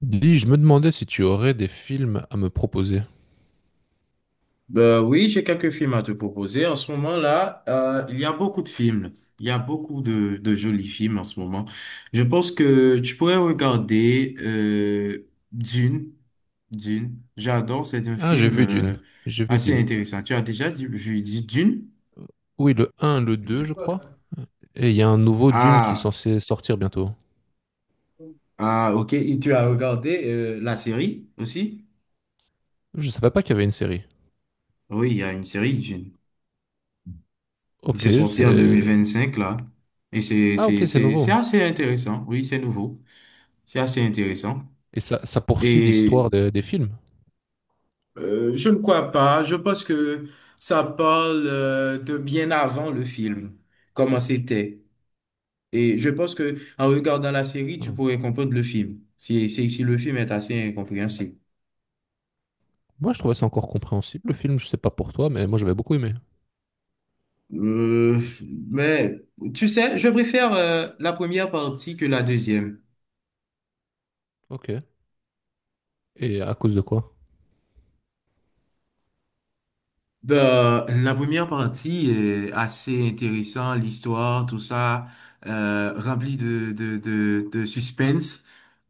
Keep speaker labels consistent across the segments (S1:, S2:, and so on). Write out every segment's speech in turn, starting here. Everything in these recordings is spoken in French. S1: Dis, je me demandais si tu aurais des films à me proposer.
S2: Ben oui, j'ai quelques films à te proposer. En ce moment-là, il y a beaucoup de films. Il y a beaucoup de jolis films en ce moment. Je pense que tu pourrais regarder Dune. Dune. J'adore. C'est un
S1: Ah, j'ai
S2: film
S1: vu Dune. J'ai vu
S2: assez
S1: Dune.
S2: intéressant. Tu as déjà dit- vu dit Dune?
S1: Oui, le un, le 2, je crois. Et il y a un nouveau Dune qui est
S2: Ah,
S1: censé sortir bientôt.
S2: ah, ok. Et tu as regardé la série aussi?
S1: Je savais pas qu'il y avait une série.
S2: Oui, il y a une série Dune. Il
S1: Ok,
S2: s'est sorti en deux mille
S1: c'est...
S2: vingt-cinq là. Et c'est
S1: Ah,
S2: c'est
S1: ok, c'est
S2: c'est c'est
S1: nouveau.
S2: assez intéressant. Oui, c'est nouveau. C'est assez intéressant.
S1: Et ça poursuit
S2: Et
S1: l'histoire des films.
S2: je ne crois pas. Je pense que ça parle de bien avant le film, comment c'était. Et je pense que en regardant la série, tu
S1: Hmm.
S2: pourrais comprendre le film, si le film est assez incompréhensible.
S1: Moi, je trouvais ça encore compréhensible, le film. Je sais pas pour toi, mais moi, j'avais beaucoup aimé.
S2: Euh, mais tu sais, je préfère la première partie que la deuxième.
S1: Ok. Et à cause de quoi?
S2: Ben, la première partie est assez intéressante, l'histoire, tout ça, rempli de suspense,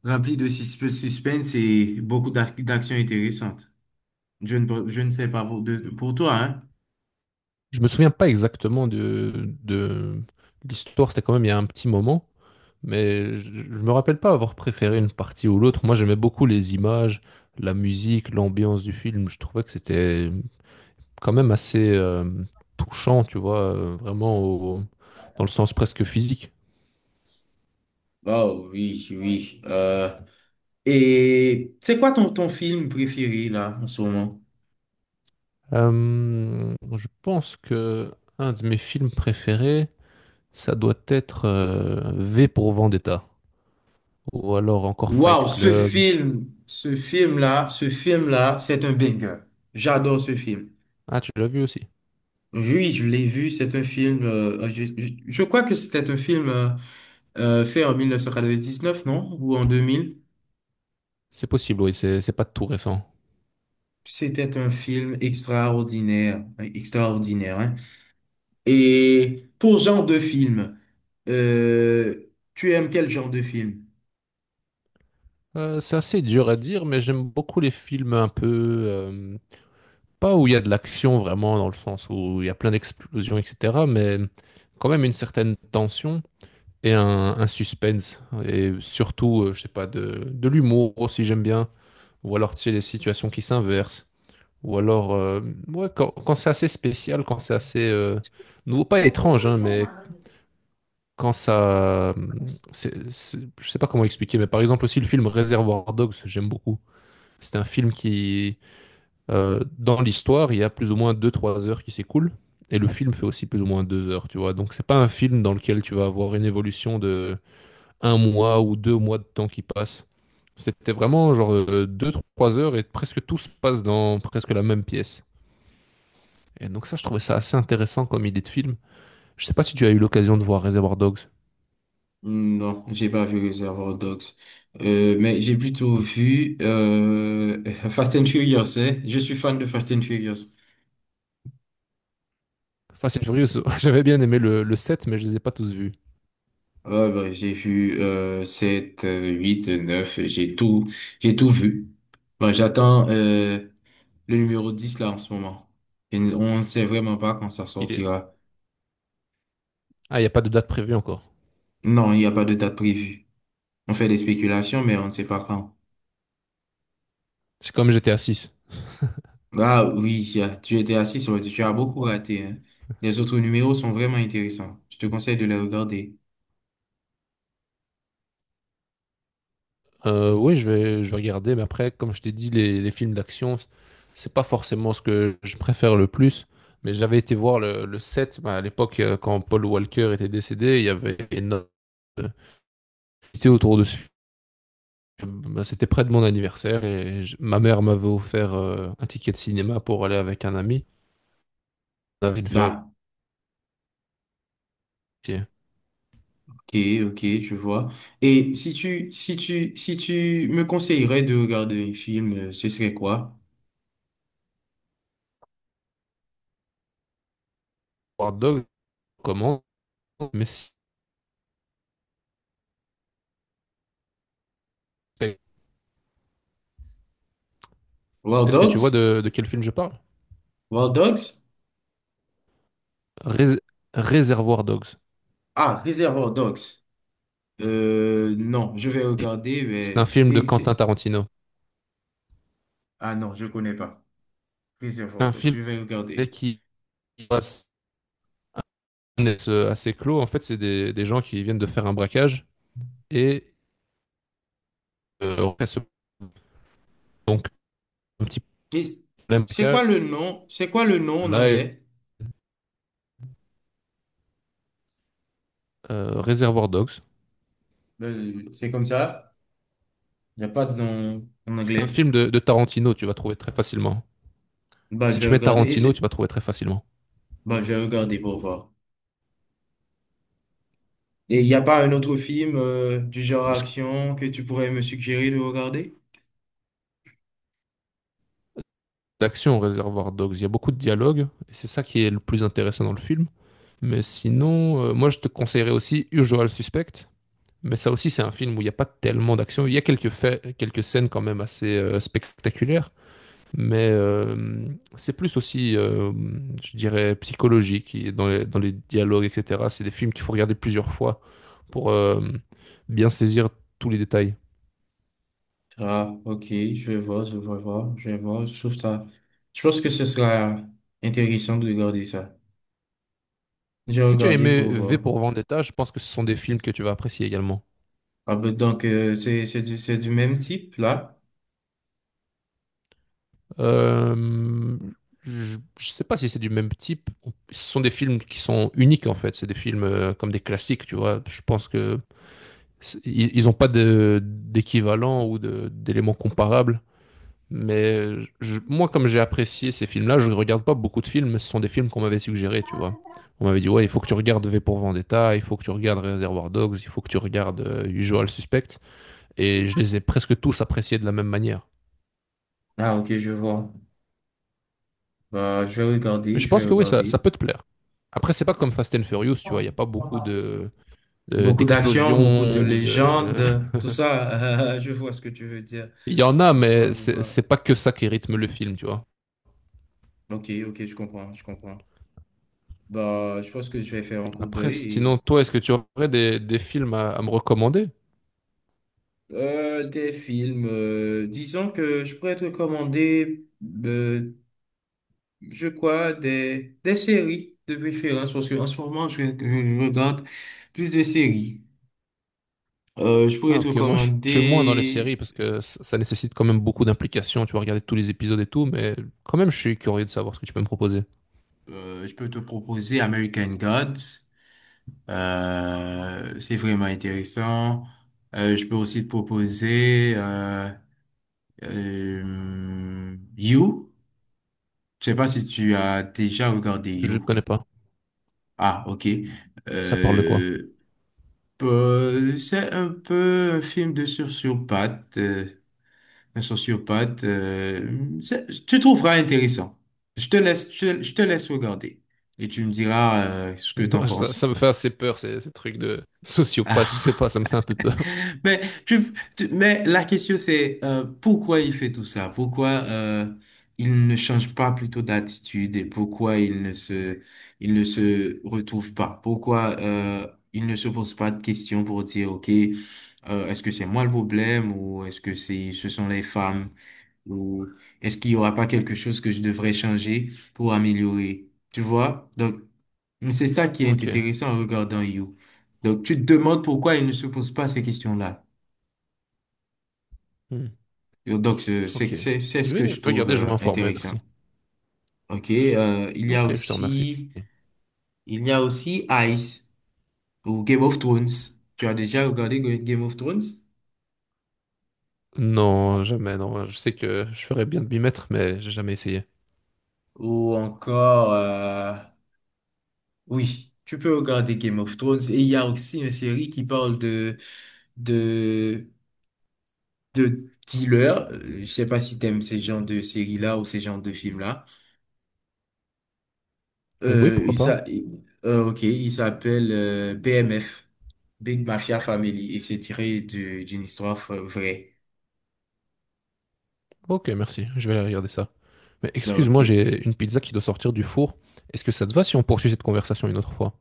S2: rempli de suspense et beaucoup d'actions intéressantes. Je ne sais pas pour toi, hein?
S1: Je me souviens pas exactement de... l'histoire. C'était quand même il y a un petit moment. Mais je me rappelle pas avoir préféré une partie ou l'autre. Moi, j'aimais beaucoup les images, la musique, l'ambiance du film. Je trouvais que c'était quand même assez touchant, tu vois, vraiment dans le sens presque physique.
S2: Oh oui, oui. Et c'est quoi ton film préféré là en ce moment?
S1: Je pense que un de mes films préférés, ça doit être V pour Vendetta, ou alors encore Fight
S2: Waouh,
S1: Club.
S2: ce film là, c'est un banger. J'adore ce film.
S1: Ah, tu l'as vu aussi?
S2: Oui, je l'ai vu, c'est un film, je crois que c'était un film fait en 1999, non? Ou en 2000.
S1: C'est possible, oui, c'est pas tout récent.
S2: C'était un film extraordinaire, extraordinaire, hein. Et pour genre de film, euh, tu aimes quel genre de film?
S1: C'est assez dur à dire, mais j'aime beaucoup les films un peu euh, pas où il y a de l'action vraiment, dans le sens où il y a plein d'explosions, etc., mais quand même une certaine tension et un suspense. Et surtout, je sais pas, de l'humour aussi, j'aime bien. Ou alors, tu sais, les situations qui s'inversent. Ou alors, ouais, quand c'est assez spécial, quand c'est assez nouveau, pas étrange, hein, mais quand ça. Je sais pas comment expliquer, mais par exemple, aussi le film Réservoir Dogs, j'aime beaucoup. C'est un film qui dans l'histoire, il y a plus ou moins deux-trois heures qui s'écoulent. Et le film fait aussi plus ou moins 2 heures, tu vois. Donc c'est pas un film dans lequel tu vas avoir une évolution de un mois ou deux mois de temps qui passe. C'était vraiment genre deux-trois heures et presque tout se passe dans presque la même pièce. Et donc ça, je trouvais ça assez intéressant comme idée de film. Je sais pas si tu as eu l'occasion de voir Reservoir Dogs.
S2: Hmm, Non, j'ai pas vu Reservoir Dogs. Mais j'ai plutôt vu Fast and Furious, hein. Je suis fan de Fast and Furious.
S1: Fast and Furious, j'avais bien aimé le 7, mais je les ai pas tous vus.
S2: Ouais, bah, j'ai vu 7, 8, 9, j'ai tout vu. Bah, j'attends le numéro 10 là en ce moment. Et on ne sait vraiment pas quand ça
S1: Il est...
S2: sortira.
S1: Ah, il n'y a pas de date prévue encore.
S2: Non, il n'y a pas de date prévue. On fait des spéculations, mais on ne sait pas quand.
S1: C'est comme GTA 6.
S2: Ah oui, y tu étais assis, ça veut dire que tu as beaucoup raté, hein. Les autres numéros sont vraiment intéressants. Je te conseille de les regarder.
S1: Oui, je vais regarder, mais après, comme je t'ai dit, les films d'action, c'est pas forcément ce que je préfère le plus. Mais j'avais été voir le 7, bah, à l'époque, quand Paul Walker était décédé, il y avait énormément de publicité autour de ce film. Bah, c'était près de mon anniversaire et ma mère m'avait offert un ticket de cinéma pour aller avec un ami. On avait une faire
S2: Ah, ok, ok, je vois. Et si tu me conseillerais de regarder un film, ce serait quoi?
S1: War Dog, comment Mais si-
S2: War
S1: est-ce que tu vois
S2: Dogs?
S1: de quel film je parle?
S2: War Dogs?
S1: Rés- Réservoir Dogs.
S2: Ah, Reservoir Dogs. Non, je vais regarder,
S1: C'est un
S2: mais...
S1: film de
S2: et
S1: Quentin Tarantino.
S2: Ah non, je connais pas.
S1: C'est
S2: Reservoir
S1: un
S2: Dogs, je
S1: film
S2: vais
S1: dès
S2: regarder.
S1: qu'ils passent assez clos, en fait, c'est des gens qui viennent de faire un braquage et euh, donc un petit
S2: Et
S1: problème
S2: c'est quoi
S1: braquage.
S2: le nom? C'est quoi le nom en
S1: Là,
S2: anglais?
S1: Reservoir Dogs.
S2: C'est comme ça? Il n'y a pas de nom en
S1: C'est un
S2: anglais?
S1: film de Tarantino, tu vas trouver très facilement.
S2: Bah,
S1: Si
S2: je
S1: tu
S2: vais
S1: mets
S2: regarder. Et
S1: Tarantino, tu
S2: c'est...
S1: vas trouver très facilement.
S2: Bah, je vais regarder pour voir. Et il n'y a pas un autre film du genre
S1: Est-ce que
S2: action que tu pourrais me suggérer de regarder?
S1: d'action Reservoir Dogs, il y a beaucoup de dialogues et c'est ça qui est le plus intéressant dans le film. Mais sinon, moi je te conseillerais aussi Usual Suspect. Mais ça aussi, c'est un film où il n'y a pas tellement d'action. Il y a quelques faits, quelques scènes quand même assez spectaculaires. Mais c'est plus aussi, je dirais, psychologique et dans les dialogues, etc. C'est des films qu'il faut regarder plusieurs fois pour bien saisir tous les détails.
S2: Ah, ok, je vais voir. Je trouve ça. Je pense que ce sera intéressant de regarder ça. J'ai
S1: Si tu as
S2: regardé
S1: aimé
S2: pour
S1: V
S2: voir.
S1: pour Vendetta, je pense que ce sont des films que tu vas apprécier également.
S2: Ah, ben, donc, c'est du même type, là.
S1: Euh, je sais pas si c'est du même type. Ce sont des films qui sont uniques en fait. C'est des films comme des classiques, tu vois. Je pense que ils n'ont pas d'équivalent ou d'éléments comparables. Mais moi, comme j'ai apprécié ces films-là, je ne regarde pas beaucoup de films. Ce sont des films qu'on m'avait suggérés, tu vois. On m'avait dit, ouais, il faut que tu regardes V pour Vendetta, il faut que tu regardes Reservoir Dogs, il faut que tu regardes Usual Suspect. Et je les ai presque tous appréciés de la même manière.
S2: Ah, ok, je vois. Bah,
S1: Mais je
S2: je vais
S1: pense que oui, ça
S2: regarder.
S1: peut te plaire. Après, c'est pas comme Fast and Furious, tu vois. Il n'y a pas beaucoup de,
S2: Beaucoup d'action, beaucoup de
S1: d'explosions ou de...
S2: légendes, tout ça. Je vois ce que tu veux dire.
S1: Il y en a,
S2: Je
S1: mais
S2: vois, je
S1: c'est
S2: vois.
S1: c'est pas que ça qui rythme le film, tu vois.
S2: Ok, ok, je comprends, je comprends. Bah, je pense que je vais faire un coup
S1: Après, sinon,
S2: d'œil.
S1: toi, est-ce que tu aurais des films à me recommander?
S2: Des films, disons que je pourrais te recommander, euh, je crois, des séries de préférence, parce qu'en ce moment, je regarde plus de séries. Je pourrais
S1: Ah
S2: te
S1: ok, moi je suis moins dans les séries
S2: recommander,
S1: parce que ça nécessite quand même beaucoup d'implication, tu vas regarder tous les épisodes et tout, mais quand même je suis curieux de savoir ce que tu peux me proposer.
S2: je peux te proposer American Gods, c'est vraiment intéressant. Je peux aussi te proposer You, je sais pas si tu as déjà regardé
S1: Je
S2: You.
S1: connais pas.
S2: Ah, ok.
S1: Ça parle de quoi?
S2: Euh, c'est un peu un film de sociopathe, un sociopathe. Tu trouveras intéressant. Je te laisse regarder et tu me diras ce que t'en
S1: Non, ça me
S2: penses.
S1: fait assez peur, ces trucs de sociopathe, je sais pas,
S2: Ah.
S1: ça me fait un peu peur.
S2: Mais, mais la question c'est pourquoi il fait tout ça? Pourquoi il ne change pas plutôt d'attitude et pourquoi il ne se retrouve pas? Pourquoi il ne se pose pas de questions pour dire, OK, est-ce que c'est moi le problème ou ce sont les femmes ou est-ce qu'il y aura pas quelque chose que je devrais changer pour améliorer? Tu vois? Donc, c'est ça qui est
S1: Ok.
S2: intéressant en regardant You. Donc, tu te demandes pourquoi il ne se pose pas ces questions-là.
S1: Hmm.
S2: Donc,
S1: Ok.
S2: c'est ce
S1: Je vais,
S2: que
S1: je vais
S2: je trouve
S1: regarder, je vais m'informer,
S2: intéressant.
S1: merci.
S2: OK,
S1: Ok, je te remercie.
S2: il y a aussi Ice ou Game of Thrones. Tu as déjà regardé Game of Thrones?
S1: Non, jamais, non, je sais que je ferais bien de m'y mettre, mais j'ai jamais essayé.
S2: Ou encore oui, tu peux regarder Game of Thrones et il y a aussi une série qui parle de de dealers. Je sais pas si t'aimes ces genres de séries-là ou ces genres de films-là.
S1: Oui, pourquoi pas?
S2: Ok, il s'appelle BMF, Big Mafia Family, et c'est tiré d'une histoire vraie.
S1: Ok, merci, je vais aller regarder ça. Mais
S2: Bah, ok.
S1: excuse-moi, j'ai une pizza qui doit sortir du four. Est-ce que ça te va si on poursuit cette conversation une autre fois?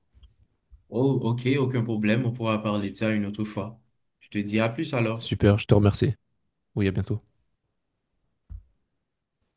S2: Oh, ok, aucun problème, on pourra parler de ça une autre fois. Je te dis à plus alors.
S1: Super, je te remercie. Oui, à bientôt.